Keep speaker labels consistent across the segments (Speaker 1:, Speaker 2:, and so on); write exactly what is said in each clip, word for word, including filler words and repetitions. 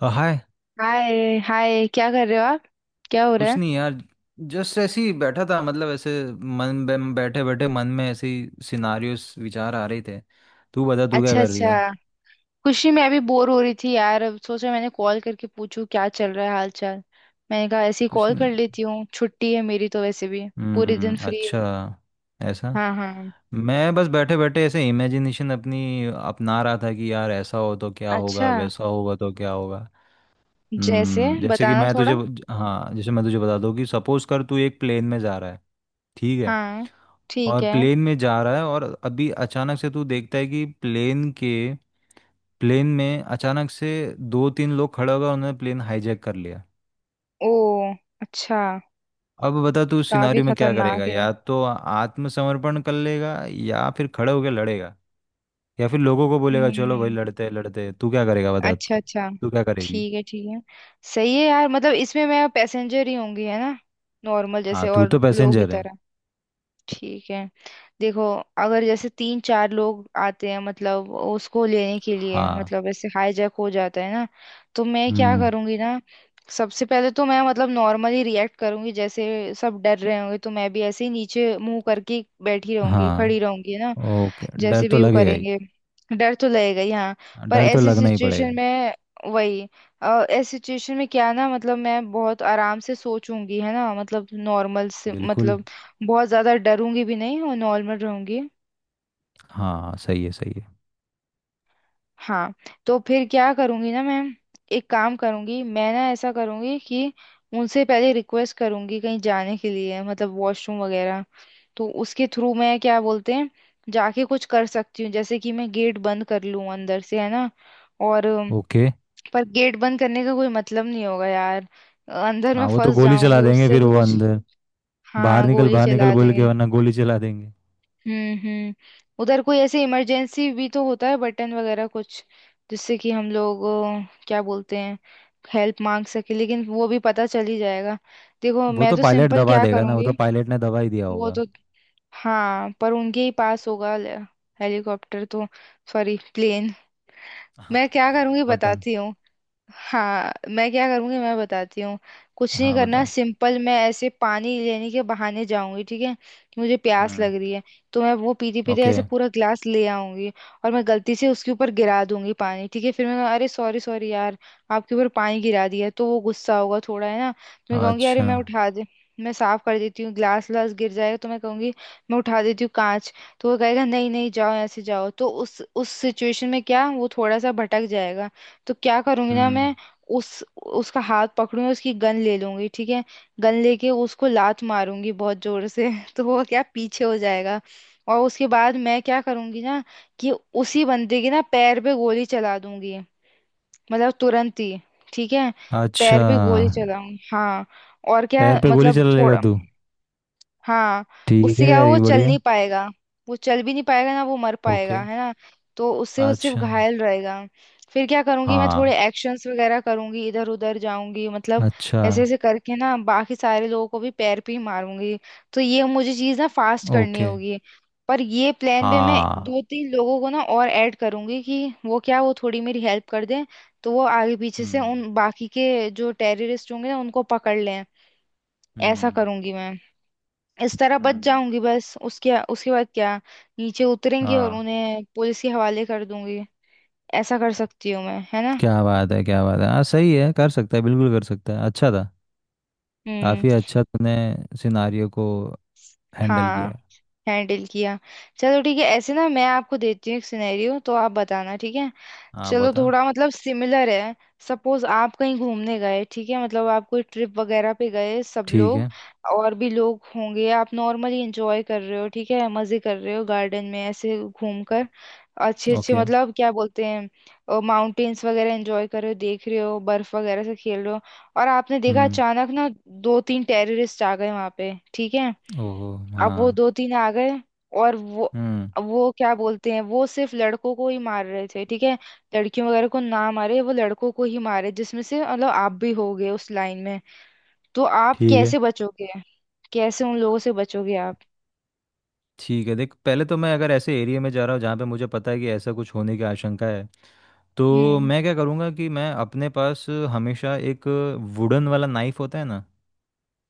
Speaker 1: अ, hi.
Speaker 2: Hi hi, क्या कर रहे हो आप? क्या हो रहा
Speaker 1: कुछ
Speaker 2: है?
Speaker 1: नहीं यार। जस्ट ऐसे ही बैठा था, मतलब ऐसे मन, बैठे बैठे मन में ऐसे ही सिनारियोस विचार आ रहे थे। तू बता, तू क्या
Speaker 2: अच्छा
Speaker 1: कर रही है?
Speaker 2: अच्छा। खुशी, मैं अभी बोर हो रही थी यार, अब सोचा मैंने कॉल करके पूछूं क्या चल रहा है, हाल चाल। मैंने कहा ऐसे ही
Speaker 1: कुछ
Speaker 2: कॉल
Speaker 1: नहीं।
Speaker 2: कर लेती हूँ, छुट्टी है मेरी तो वैसे भी पूरे दिन
Speaker 1: हम्म।
Speaker 2: फ्री
Speaker 1: अच्छा।
Speaker 2: हूँ।
Speaker 1: ऐसा?
Speaker 2: हाँ हाँ।
Speaker 1: मैं बस बैठे बैठे ऐसे इमेजिनेशन अपनी अपना रहा था कि यार ऐसा हो तो क्या होगा,
Speaker 2: अच्छा।
Speaker 1: वैसा होगा तो क्या होगा।
Speaker 2: जैसे
Speaker 1: हम्म। जैसे कि
Speaker 2: बताना
Speaker 1: मैं तुझे।
Speaker 2: थोड़ा।
Speaker 1: हाँ, जैसे मैं तुझे बता दूँ कि सपोज कर तू एक प्लेन में जा रहा है। ठीक है।
Speaker 2: हाँ। ठीक
Speaker 1: और
Speaker 2: है।
Speaker 1: प्लेन में जा रहा है, और अभी अचानक से तू देखता है कि प्लेन के प्लेन में अचानक से दो तीन लोग खड़े हो गए, उन्होंने प्लेन हाईजैक कर लिया।
Speaker 2: ओ। अच्छा।
Speaker 1: अब बता, तू उस
Speaker 2: काफी
Speaker 1: सिनारियो में क्या करेगा?
Speaker 2: खतरनाक है।
Speaker 1: या तो आत्मसमर्पण कर लेगा, या फिर खड़े होकर लड़ेगा, या फिर लोगों को बोलेगा चलो भाई
Speaker 2: हम्म।
Speaker 1: लड़ते हैं लड़ते हैं, तू क्या करेगा? बता,
Speaker 2: अच्छा अच्छा।
Speaker 1: तू क्या करेगी?
Speaker 2: ठीक है ठीक है। सही है यार, मतलब इसमें मैं पैसेंजर ही होंगी है ना? नॉर्मल,
Speaker 1: हाँ,
Speaker 2: जैसे
Speaker 1: तू
Speaker 2: और
Speaker 1: तो
Speaker 2: लोगों की
Speaker 1: पैसेंजर है।
Speaker 2: तरह। ठीक है। देखो, अगर जैसे तीन चार लोग आते हैं मतलब उसको लेने के लिए,
Speaker 1: हाँ।
Speaker 2: मतलब ऐसे हाईजैक हो जाता है ना। तो मैं क्या
Speaker 1: हम्म।
Speaker 2: करूंगी ना, सबसे पहले तो मैं मतलब नॉर्मली रिएक्ट करूंगी, जैसे सब डर रहे होंगे तो मैं भी ऐसे ही नीचे मुंह करके बैठी रहूंगी
Speaker 1: हाँ।
Speaker 2: खड़ी रहूंगी ना।
Speaker 1: ओके, डर
Speaker 2: जैसे
Speaker 1: तो
Speaker 2: भी वो
Speaker 1: लगेगा ही।
Speaker 2: करेंगे। डर तो लगेगा ही हाँ। पर
Speaker 1: डर तो
Speaker 2: ऐसी
Speaker 1: लगना ही पड़ेगा।
Speaker 2: सिचुएशन में, वही, अ, ऐसी सिचुएशन में क्या ना, मतलब मैं बहुत आराम से सोचूंगी है ना, मतलब नॉर्मल से,
Speaker 1: बिल्कुल।
Speaker 2: मतलब बहुत ज्यादा डरूंगी भी नहीं और नॉर्मल रहूंगी।
Speaker 1: हाँ, सही है सही है।
Speaker 2: हाँ। तो फिर क्या करूंगी ना मैं, एक काम करूंगी मैं ना, ऐसा करूंगी कि उनसे पहले रिक्वेस्ट करूंगी कहीं जाने के लिए, मतलब वॉशरूम वगैरह। तो उसके थ्रू मैं, क्या बोलते हैं, जाके कुछ कर सकती हूँ, जैसे कि मैं गेट बंद कर लूँ अंदर से है ना। और अम,
Speaker 1: ओके।
Speaker 2: पर गेट बंद करने का कोई मतलब नहीं होगा यार, अंदर
Speaker 1: हाँ
Speaker 2: मैं
Speaker 1: वो तो
Speaker 2: फंस
Speaker 1: गोली चला
Speaker 2: जाऊंगी,
Speaker 1: देंगे,
Speaker 2: उससे
Speaker 1: फिर
Speaker 2: भी
Speaker 1: वो
Speaker 2: कुछ।
Speaker 1: अंदर। बाहर
Speaker 2: हाँ,
Speaker 1: निकल
Speaker 2: गोली
Speaker 1: बाहर निकल
Speaker 2: चला
Speaker 1: बोल के,
Speaker 2: देंगे।
Speaker 1: वरना गोली चला देंगे।
Speaker 2: हम्म हम्म। उधर कोई ऐसे इमरजेंसी भी तो होता है, बटन वगैरह कुछ, जिससे कि हम लोग अ, क्या बोलते हैं, हेल्प मांग सके, लेकिन वो भी पता चल ही जाएगा। देखो
Speaker 1: वो
Speaker 2: मैं
Speaker 1: तो
Speaker 2: तो
Speaker 1: पायलट
Speaker 2: सिंपल
Speaker 1: दबा
Speaker 2: क्या
Speaker 1: देगा ना, वो
Speaker 2: करूँगी।
Speaker 1: तो पायलट ने दबा ही दिया
Speaker 2: वो
Speaker 1: होगा।
Speaker 2: तो। हाँ पर उनके ही पास होगा ले- हेलीकॉप्टर तो, सॉरी, प्लेन। मैं क्या करूँगी
Speaker 1: बटन।
Speaker 2: बताती हूँ। हाँ, मैं क्या करूँगी मैं बताती हूँ। कुछ नहीं
Speaker 1: हाँ
Speaker 2: करना,
Speaker 1: बता।
Speaker 2: सिंपल मैं ऐसे पानी लेने के बहाने जाऊंगी, ठीक है, कि मुझे प्यास
Speaker 1: हम्म।
Speaker 2: लग रही है। तो मैं वो पीते पीते
Speaker 1: ओके।
Speaker 2: ऐसे पूरा ग्लास ले आऊंगी। और मैं गलती से उसके ऊपर गिरा दूंगी पानी, ठीक है, फिर मैं कहूँ, अरे सॉरी सॉरी यार, आपके ऊपर पानी गिरा दिया, तो वो गुस्सा होगा थोड़ा है ना, तो मैं कहूंगी अरे
Speaker 1: अच्छा।
Speaker 2: मैं उठा दे, मैं साफ कर देती हूँ, ग्लास व्लास गिर जाएगा तो मैं कहूंगी मैं उठा देती हूँ कांच। तो वो कहेगा नहीं नहीं जाओ, ऐसे जाओ, तो उस उस सिचुएशन में क्या वो थोड़ा सा भटक जाएगा। तो क्या करूंगी ना
Speaker 1: हम्म।
Speaker 2: मैं, उस उसका हाथ पकड़ूंगी, उसकी गन ले लूंगी, ठीक है। गन लेके उसको लात मारूंगी बहुत जोर से तो वो क्या पीछे हो जाएगा। और उसके बाद मैं क्या करूंगी ना, कि उसी बंदे के ना पैर पे गोली चला दूंगी, मतलब तुरंत ही, ठीक है।
Speaker 1: अच्छा।
Speaker 2: पैर पे गोली चलाऊंगी हाँ। और क्या,
Speaker 1: पैर पे गोली
Speaker 2: मतलब
Speaker 1: चला लेगा
Speaker 2: थोड़ा।
Speaker 1: तू?
Speaker 2: हाँ।
Speaker 1: ठीक
Speaker 2: उससे
Speaker 1: है
Speaker 2: क्या
Speaker 1: यार,
Speaker 2: वो
Speaker 1: ये
Speaker 2: चल
Speaker 1: बढ़िया
Speaker 2: नहीं
Speaker 1: है।
Speaker 2: पाएगा, वो चल भी नहीं पाएगा ना, वो मर पाएगा
Speaker 1: ओके।
Speaker 2: है ना। तो उससे वो सिर्फ
Speaker 1: अच्छा।
Speaker 2: घायल रहेगा। फिर क्या करूंगी मैं, थोड़े
Speaker 1: हाँ।
Speaker 2: एक्शंस वगैरह करूंगी इधर उधर जाऊंगी मतलब,
Speaker 1: अच्छा।
Speaker 2: ऐसे ऐसे करके ना बाकी सारे लोगों को भी पैर पे ही मारूंगी। तो ये मुझे चीज ना फास्ट करनी
Speaker 1: ओके।
Speaker 2: होगी। पर ये प्लान में मैं
Speaker 1: हाँ।
Speaker 2: दो तीन लोगों को ना और ऐड करूंगी, कि वो क्या, वो थोड़ी मेरी हेल्प कर दें। तो वो आगे पीछे से
Speaker 1: हम्म।
Speaker 2: उन बाकी के जो टेररिस्ट होंगे ना उनको पकड़ लें। ऐसा
Speaker 1: हम्म।
Speaker 2: करूंगी मैं। इस तरह बच
Speaker 1: हम्म।
Speaker 2: जाऊंगी बस, उसके उसके बाद क्या, नीचे उतरेंगे और
Speaker 1: हाँ।
Speaker 2: उन्हें पुलिस के हवाले कर दूंगी। ऐसा कर सकती हूँ मैं, है ना?
Speaker 1: क्या बात है क्या बात है, हाँ सही है, कर सकता है, बिल्कुल कर सकता है, अच्छा था।
Speaker 2: हम्म।
Speaker 1: काफ़ी अच्छा तूने सिनारियो को हैंडल
Speaker 2: हाँ,
Speaker 1: किया है।
Speaker 2: हैंडल किया। चलो ठीक है, ऐसे ना मैं आपको देती हूँ एक सिनेरियो तो आप बताना, ठीक है।
Speaker 1: हाँ
Speaker 2: चलो
Speaker 1: बता।
Speaker 2: थोड़ा, मतलब सिमिलर है। सपोज आप कहीं घूमने गए, ठीक है, मतलब आप कोई ट्रिप वगैरह पे गए सब
Speaker 1: ठीक
Speaker 2: लोग,
Speaker 1: है।
Speaker 2: और भी लोग होंगे, आप नॉर्मली एंजॉय कर रहे हो, ठीक है, मजे कर रहे हो गार्डन में ऐसे घूम कर। अच्छे अच्छे,
Speaker 1: ओके।
Speaker 2: मतलब क्या बोलते हैं, माउंटेन्स वगैरह एंजॉय कर रहे हो, देख रहे हो, बर्फ वगैरह से खेल रहे हो। और आपने देखा
Speaker 1: हम्म।
Speaker 2: अचानक ना दो तीन टेररिस्ट आ गए वहां पे, ठीक है।
Speaker 1: ओहो हाँ।
Speaker 2: अब वो दो तीन आ गए, और वो
Speaker 1: हम्म।
Speaker 2: वो क्या बोलते हैं, वो सिर्फ लड़कों को ही मार रहे थे, ठीक है। लड़कियों वगैरह को ना मारे, वो लड़कों को ही मारे, जिसमें से मतलब आप भी हो गए उस लाइन में। तो आप
Speaker 1: ठीक है
Speaker 2: कैसे बचोगे? कैसे उन लोगों से बचोगे आप?
Speaker 1: ठीक है। देख, पहले तो मैं अगर ऐसे एरिया में जा रहा हूँ जहाँ पे मुझे पता है कि ऐसा कुछ होने की आशंका है, तो
Speaker 2: हम्म।
Speaker 1: मैं क्या करूँगा कि मैं अपने पास हमेशा एक वुडन वाला नाइफ होता है ना,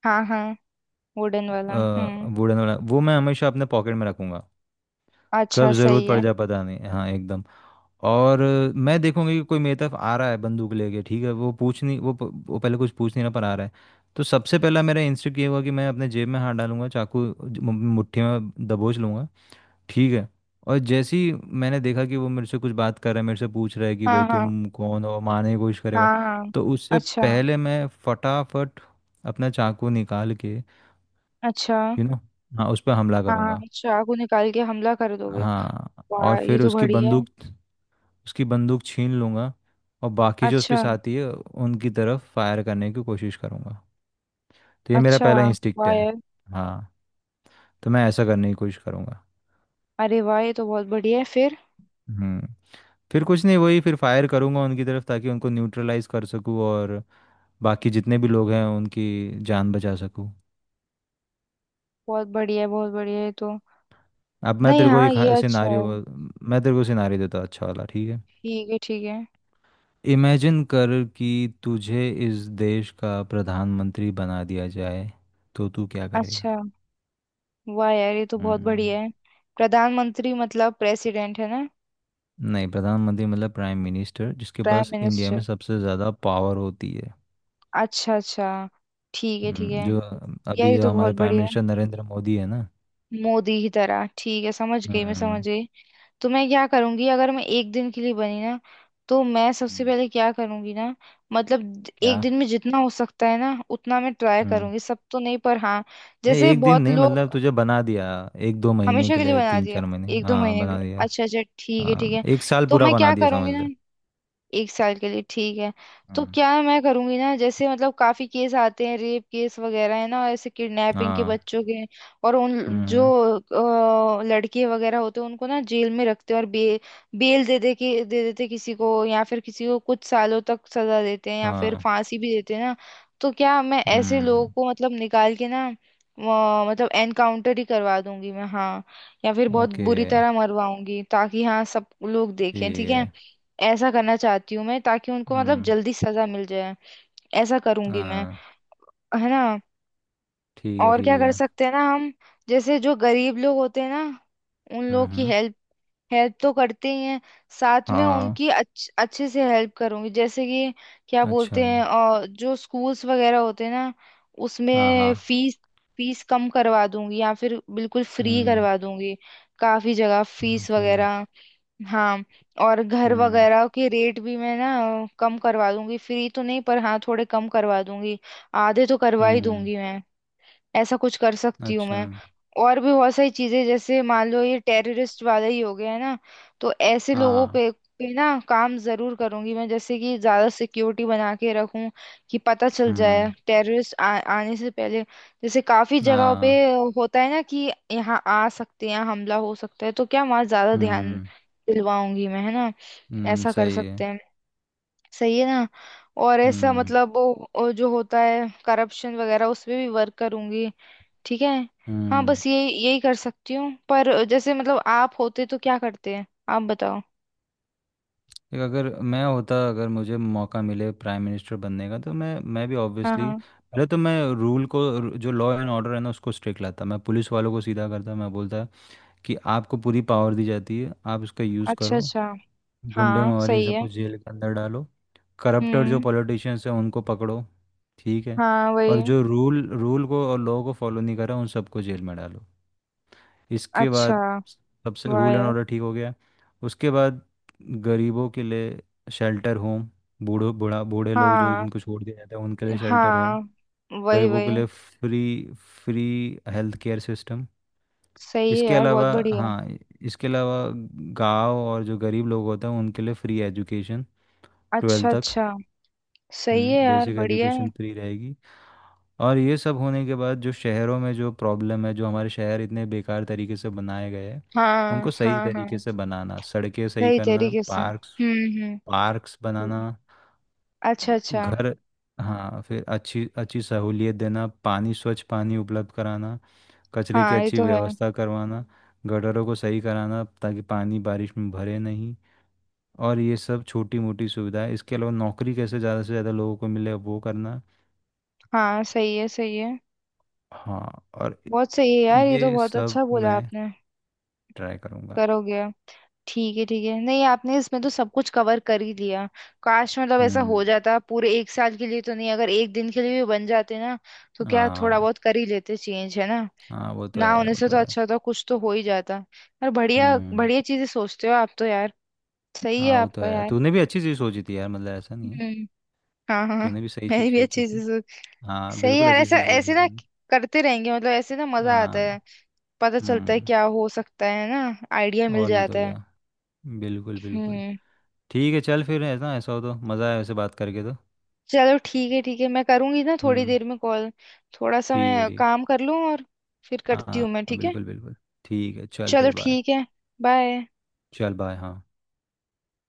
Speaker 2: हाँ हाँ। वुडन वाला, हम्म।
Speaker 1: वुडन वाला वो मैं हमेशा अपने पॉकेट में रखूँगा।
Speaker 2: अच्छा
Speaker 1: कब ज़रूरत
Speaker 2: सही
Speaker 1: पड़
Speaker 2: है।
Speaker 1: जाए पता नहीं, हाँ एकदम। और अ, मैं देखूंगी कि कोई मेरी तरफ आ रहा है बंदूक लेके, ठीक है? वो पूछ नहीं, वो प- वो पहले कुछ पूछ नहीं रहा पर आ रहा है। तो सबसे पहला मेरा इंस्टिंक्ट ये होगा कि मैं अपने जेब में हाथ डालूंगा, चाकू ज- मु- मुट्ठी में दबोच लूंगा। ठीक है। और जैसे ही मैंने देखा कि वो मेरे से कुछ बात कर रहा है, मेरे से पूछ रहा है कि भाई
Speaker 2: हाँ हाँ।
Speaker 1: तुम कौन हो, मारने की कोशिश करेगा,
Speaker 2: हाँ हाँ।
Speaker 1: तो उससे
Speaker 2: अच्छा।
Speaker 1: पहले मैं फटाफट अपना चाकू निकाल के,
Speaker 2: अच्छा।
Speaker 1: यू नो हाँ, उस पर हमला
Speaker 2: हाँ,
Speaker 1: करूंगा।
Speaker 2: चाकू निकाल के हमला कर दोगे।
Speaker 1: हाँ,
Speaker 2: वाह,
Speaker 1: और
Speaker 2: ये
Speaker 1: फिर
Speaker 2: तो
Speaker 1: उसकी
Speaker 2: बढ़िया है।
Speaker 1: बंदूक उसकी बंदूक छीन लूँगा, और बाकी जो उसके
Speaker 2: अच्छा।
Speaker 1: साथी है उनकी तरफ फायर करने की कोशिश करूँगा। तो ये मेरा
Speaker 2: अच्छा।
Speaker 1: पहला इंस्टिक्ट
Speaker 2: वाह
Speaker 1: है।
Speaker 2: यार।
Speaker 1: हाँ, तो मैं ऐसा करने की कोशिश करूँगा।
Speaker 2: अरे वाह, ये तो बहुत बढ़िया है फिर।
Speaker 1: हम्म। फिर कुछ नहीं, वही फिर फायर करूँगा उनकी तरफ ताकि उनको न्यूट्रलाइज कर सकूँ, और बाकी जितने भी लोग हैं उनकी जान बचा सकूँ।
Speaker 2: बहुत बढ़िया है, बहुत बढ़िया ये तो।
Speaker 1: अब मैं
Speaker 2: नहीं
Speaker 1: तेरे को
Speaker 2: हाँ,
Speaker 1: एक
Speaker 2: ये अच्छा है।
Speaker 1: सिनारियो मैं तेरे को सिनारियो देता हूँ, अच्छा वाला, ठीक है?
Speaker 2: ठीक है ठीक है।
Speaker 1: इमेजिन कर कि तुझे इस देश का प्रधानमंत्री बना दिया जाए, तो तू क्या
Speaker 2: अच्छा।
Speaker 1: करेगा?
Speaker 2: वाह यार, ये तो बहुत
Speaker 1: हम्म।
Speaker 2: बढ़िया है। प्रधानमंत्री मतलब प्रेसिडेंट है ना?
Speaker 1: नहीं, प्रधानमंत्री मतलब प्राइम मिनिस्टर, जिसके
Speaker 2: प्राइम
Speaker 1: पास इंडिया
Speaker 2: मिनिस्टर।
Speaker 1: में सबसे ज़्यादा पावर होती है।
Speaker 2: अच्छा अच्छा। ठीक है ठीक
Speaker 1: हम्म,
Speaker 2: है।
Speaker 1: जो
Speaker 2: यार
Speaker 1: अभी
Speaker 2: ये
Speaker 1: जो
Speaker 2: तो
Speaker 1: हमारे
Speaker 2: बहुत
Speaker 1: प्राइम
Speaker 2: बढ़िया
Speaker 1: मिनिस्टर
Speaker 2: है।
Speaker 1: नरेंद्र मोदी है ना।
Speaker 2: मोदी की तरह, ठीक है, समझ गई मैं समझ
Speaker 1: हम्म।
Speaker 2: गई। तो मैं क्या करूंगी अगर मैं एक दिन के लिए बनी ना, तो मैं सबसे
Speaker 1: हम्म।
Speaker 2: पहले क्या करूंगी ना, मतलब द-
Speaker 1: क्या?
Speaker 2: एक दिन में जितना हो सकता है ना उतना मैं ट्राई
Speaker 1: हम्म।
Speaker 2: करूंगी, सब तो नहीं पर हाँ,
Speaker 1: नहीं
Speaker 2: जैसे
Speaker 1: एक दिन
Speaker 2: बहुत
Speaker 1: नहीं,
Speaker 2: लोग।
Speaker 1: मतलब तुझे बना दिया एक दो महीने
Speaker 2: हमेशा
Speaker 1: के
Speaker 2: के लिए
Speaker 1: लिए,
Speaker 2: बना
Speaker 1: तीन
Speaker 2: दिए,
Speaker 1: चार महीने,
Speaker 2: एक दो
Speaker 1: हाँ
Speaker 2: महीने के लिए,
Speaker 1: बना दिया।
Speaker 2: अच्छा अच्छा ठीक है ठीक
Speaker 1: हाँ,
Speaker 2: है।
Speaker 1: एक साल
Speaker 2: तो
Speaker 1: पूरा
Speaker 2: मैं
Speaker 1: बना
Speaker 2: क्या
Speaker 1: दिया समझ
Speaker 2: करूंगी
Speaker 1: ले।
Speaker 2: ना, एक साल के लिए, ठीक है। तो
Speaker 1: हम्म।
Speaker 2: क्या है मैं करूंगी ना, जैसे मतलब काफी केस आते हैं, रेप केस वगैरह है ना, ऐसे किडनैपिंग के
Speaker 1: हाँ।
Speaker 2: बच्चों के, और उन जो
Speaker 1: हम्म।
Speaker 2: अ, लड़के वगैरह होते हैं उनको ना जेल में रखते हैं, और बे, बेल दे दे के दे देते किसी को, या फिर किसी को कुछ सालों तक सजा देते हैं, या फिर
Speaker 1: हाँ।
Speaker 2: फांसी भी देते हैं ना। तो क्या मैं ऐसे लोगों
Speaker 1: हम्म।
Speaker 2: को मतलब निकाल के ना अ, मतलब एनकाउंटर ही करवा दूंगी मैं हाँ, या फिर बहुत
Speaker 1: ओके।
Speaker 2: बुरी तरह मरवाऊंगी ताकि हाँ सब लोग देखें,
Speaker 1: ठीक
Speaker 2: ठीक है।
Speaker 1: है।
Speaker 2: ऐसा करना चाहती हूँ मैं, ताकि उनको मतलब
Speaker 1: हम्म।
Speaker 2: जल्दी सजा मिल जाए। ऐसा करूंगी मैं,
Speaker 1: हाँ।
Speaker 2: है ना।
Speaker 1: ठीक है
Speaker 2: और क्या
Speaker 1: ठीक
Speaker 2: कर
Speaker 1: है।
Speaker 2: सकते हैं ना हम, जैसे जो गरीब लोग होते हैं ना, उन लोगों की
Speaker 1: हम्म।
Speaker 2: हेल्प, हेल्प तो करते ही हैं, साथ में
Speaker 1: हाँ।
Speaker 2: उनकी अच्छ, अच्छे से हेल्प करूंगी, जैसे कि क्या
Speaker 1: अच्छा।
Speaker 2: बोलते हैं, और जो स्कूल्स वगैरह होते हैं ना,
Speaker 1: हाँ
Speaker 2: उसमें
Speaker 1: हाँ।
Speaker 2: फीस, फीस कम करवा दूंगी, या फिर बिल्कुल फ्री
Speaker 1: हम्म।
Speaker 2: करवा दूंगी। काफी जगह फीस
Speaker 1: ओके।
Speaker 2: वगैरह। हाँ। और घर
Speaker 1: हम्म।
Speaker 2: वगैरह के रेट भी मैं ना कम करवा दूंगी, फ्री तो नहीं पर हाँ थोड़े कम करवा दूंगी, आधे तो करवा ही
Speaker 1: हम्म।
Speaker 2: दूंगी मैं। ऐसा कुछ कर सकती हूँ
Speaker 1: अच्छा।
Speaker 2: मैं। और भी बहुत सारी चीजें, जैसे मान लो ये टेररिस्ट वाला ही हो गया है ना, तो ऐसे लोगों
Speaker 1: हाँ।
Speaker 2: पे पे ना काम जरूर करूंगी मैं, जैसे कि ज्यादा सिक्योरिटी बना के रखूं कि पता चल जाए
Speaker 1: हम्म।
Speaker 2: टेररिस्ट आ, आने से पहले। जैसे काफी जगहों पे
Speaker 1: हाँ।
Speaker 2: होता है ना कि यहाँ आ सकते हैं, यहाँ हमला हो सकता है, तो क्या वहां ज्यादा ध्यान
Speaker 1: हम्म।
Speaker 2: दिलवाऊंगी मैं है ना।
Speaker 1: हम्म
Speaker 2: ऐसा कर
Speaker 1: सही है।
Speaker 2: सकते हैं। सही है ना। और ऐसा
Speaker 1: हम्म।
Speaker 2: मतलब वो वो जो होता है करप्शन वगैरह उस पे भी वर्क करूंगी, ठीक है। हाँ
Speaker 1: हम्म।
Speaker 2: बस ये यही कर सकती हूँ, पर जैसे मतलब आप होते तो क्या करते हैं, आप बताओ।
Speaker 1: देख, अगर मैं होता, अगर मुझे मौका मिले प्राइम मिनिस्टर बनने का, तो मैं मैं भी
Speaker 2: हाँ
Speaker 1: ऑब्वियसली,
Speaker 2: हाँ।
Speaker 1: पहले तो मैं रूल को रू- जो लॉ एंड ऑर्डर है ना उसको स्ट्रिक्ट लाता, मैं पुलिस वालों को सीधा करता, मैं बोलता कि आपको पूरी पावर दी जाती है, आप इसका यूज़
Speaker 2: अच्छा
Speaker 1: करो।
Speaker 2: अच्छा।
Speaker 1: गुंडे
Speaker 2: हाँ
Speaker 1: मवाली, इन
Speaker 2: सही है।
Speaker 1: सबको जेल के अंदर डालो। करप्टेड जो
Speaker 2: हम्म।
Speaker 1: पॉलिटिशियंस हैं उनको पकड़ो। ठीक है,
Speaker 2: हाँ
Speaker 1: और
Speaker 2: वही।
Speaker 1: जो रूल रूल को और लॉ को फॉलो नहीं कर रहा उन सबको जेल में डालो। इसके
Speaker 2: अच्छा।
Speaker 1: बाद सबसे
Speaker 2: वाह
Speaker 1: रूल एंड
Speaker 2: यार।
Speaker 1: ऑर्डर ठीक हो गया, उसके बाद गरीबों के लिए शेल्टर होम, बूढ़ो बूढ़ा बूढ़े लोग जो
Speaker 2: हाँ
Speaker 1: जिनको छोड़ दिया जाता है उनके लिए शेल्टर
Speaker 2: हाँ,
Speaker 1: होम,
Speaker 2: वही
Speaker 1: गरीबों के
Speaker 2: वही।
Speaker 1: लिए free free health care system.
Speaker 2: सही है
Speaker 1: इसके
Speaker 2: यार, बहुत
Speaker 1: अलावा,
Speaker 2: बढ़िया।
Speaker 1: हाँ, इसके अलावा गांव और जो गरीब लोग होते हैं उनके लिए फ्री एजुकेशन,
Speaker 2: अच्छा
Speaker 1: ट्वेल्थ तक।
Speaker 2: अच्छा। सही है
Speaker 1: हम्म,
Speaker 2: यार,
Speaker 1: बेसिक
Speaker 2: बढ़िया है।
Speaker 1: एजुकेशन फ्री रहेगी। और ये सब होने के बाद जो शहरों में जो प्रॉब्लम है, जो हमारे शहर इतने बेकार तरीके से बनाए गए हैं,
Speaker 2: हाँ
Speaker 1: उनको सही
Speaker 2: हाँ
Speaker 1: तरीके
Speaker 2: हाँ।
Speaker 1: से बनाना, सड़कें सही
Speaker 2: सही
Speaker 1: करना,
Speaker 2: तरीके से,
Speaker 1: पार्क्स
Speaker 2: हम्म।
Speaker 1: पार्क्स
Speaker 2: हम्म।
Speaker 1: बनाना,
Speaker 2: अच्छा अच्छा।
Speaker 1: घर। हाँ फिर अच्छी अच्छी सहूलियत देना, पानी स्वच्छ पानी उपलब्ध कराना, कचरे की
Speaker 2: हाँ ये
Speaker 1: अच्छी
Speaker 2: तो है।
Speaker 1: व्यवस्था करवाना, गटरों को सही कराना ताकि पानी बारिश में भरे नहीं। और ये सब छोटी मोटी सुविधाएं, इसके अलावा नौकरी कैसे ज़्यादा से ज़्यादा लोगों को मिले वो करना।
Speaker 2: हाँ सही है सही है।
Speaker 1: हाँ, और
Speaker 2: बहुत सही है यार, ये तो
Speaker 1: ये
Speaker 2: बहुत
Speaker 1: सब
Speaker 2: अच्छा बोला
Speaker 1: मैं
Speaker 2: आपने।
Speaker 1: ट्राई करूँगा।
Speaker 2: करोगे। ठीक है ठीक है, नहीं आपने इसमें तो सब कुछ कवर कर ही लिया। काश मतलब ऐसा हो
Speaker 1: हम्म।
Speaker 2: जाता, पूरे एक साल के लिए तो नहीं, अगर एक दिन के लिए भी बन जाते ना तो क्या थोड़ा
Speaker 1: हाँ।
Speaker 2: बहुत कर ही लेते चेंज, है ना।
Speaker 1: हाँ वो तो
Speaker 2: ना
Speaker 1: है,
Speaker 2: होने
Speaker 1: वो
Speaker 2: से
Speaker 1: तो
Speaker 2: तो
Speaker 1: है।
Speaker 2: अच्छा था, कुछ तो हो ही जाता। यार बढ़िया
Speaker 1: हम्म।
Speaker 2: बढ़िया चीजें सोचते हो आप तो यार। सही है
Speaker 1: हाँ वो तो
Speaker 2: आपका
Speaker 1: है,
Speaker 2: यार।
Speaker 1: तूने भी अच्छी चीज़ सोची थी यार, मतलब ऐसा नहीं है,
Speaker 2: हम्म। हाँ हाँ।
Speaker 1: तूने भी सही
Speaker 2: मैं
Speaker 1: चीज़
Speaker 2: भी
Speaker 1: सोची
Speaker 2: अच्छी
Speaker 1: थी।
Speaker 2: चीजें सोच।
Speaker 1: हाँ
Speaker 2: सही है
Speaker 1: बिल्कुल
Speaker 2: यार,
Speaker 1: अच्छी
Speaker 2: ऐसा
Speaker 1: चीज़ सोची
Speaker 2: ऐसे ना
Speaker 1: थी।
Speaker 2: करते रहेंगे, मतलब ऐसे ना मजा आता है,
Speaker 1: हाँ।
Speaker 2: पता चलता है
Speaker 1: हम्म।
Speaker 2: क्या हो सकता है ना, आइडिया मिल
Speaker 1: और नहीं तो
Speaker 2: जाता है।
Speaker 1: क्या, बिल्कुल बिल्कुल।
Speaker 2: हम्म।
Speaker 1: ठीक है, चल फिर, ऐसा ऐसा हो तो मज़ा आया वैसे, बात करके तो।
Speaker 2: चलो ठीक है ठीक है, मैं करूंगी ना थोड़ी
Speaker 1: हम्म।
Speaker 2: देर में कॉल, थोड़ा सा
Speaker 1: ठीक है,
Speaker 2: मैं
Speaker 1: ठीक।
Speaker 2: काम कर लूँ और फिर
Speaker 1: हाँ
Speaker 2: करती हूँ मैं,
Speaker 1: हाँ,
Speaker 2: ठीक है।
Speaker 1: बिल्कुल बिल्कुल। ठीक है, चल
Speaker 2: चलो
Speaker 1: फिर, बाय।
Speaker 2: ठीक है। बाय।
Speaker 1: चल बाय। हाँ।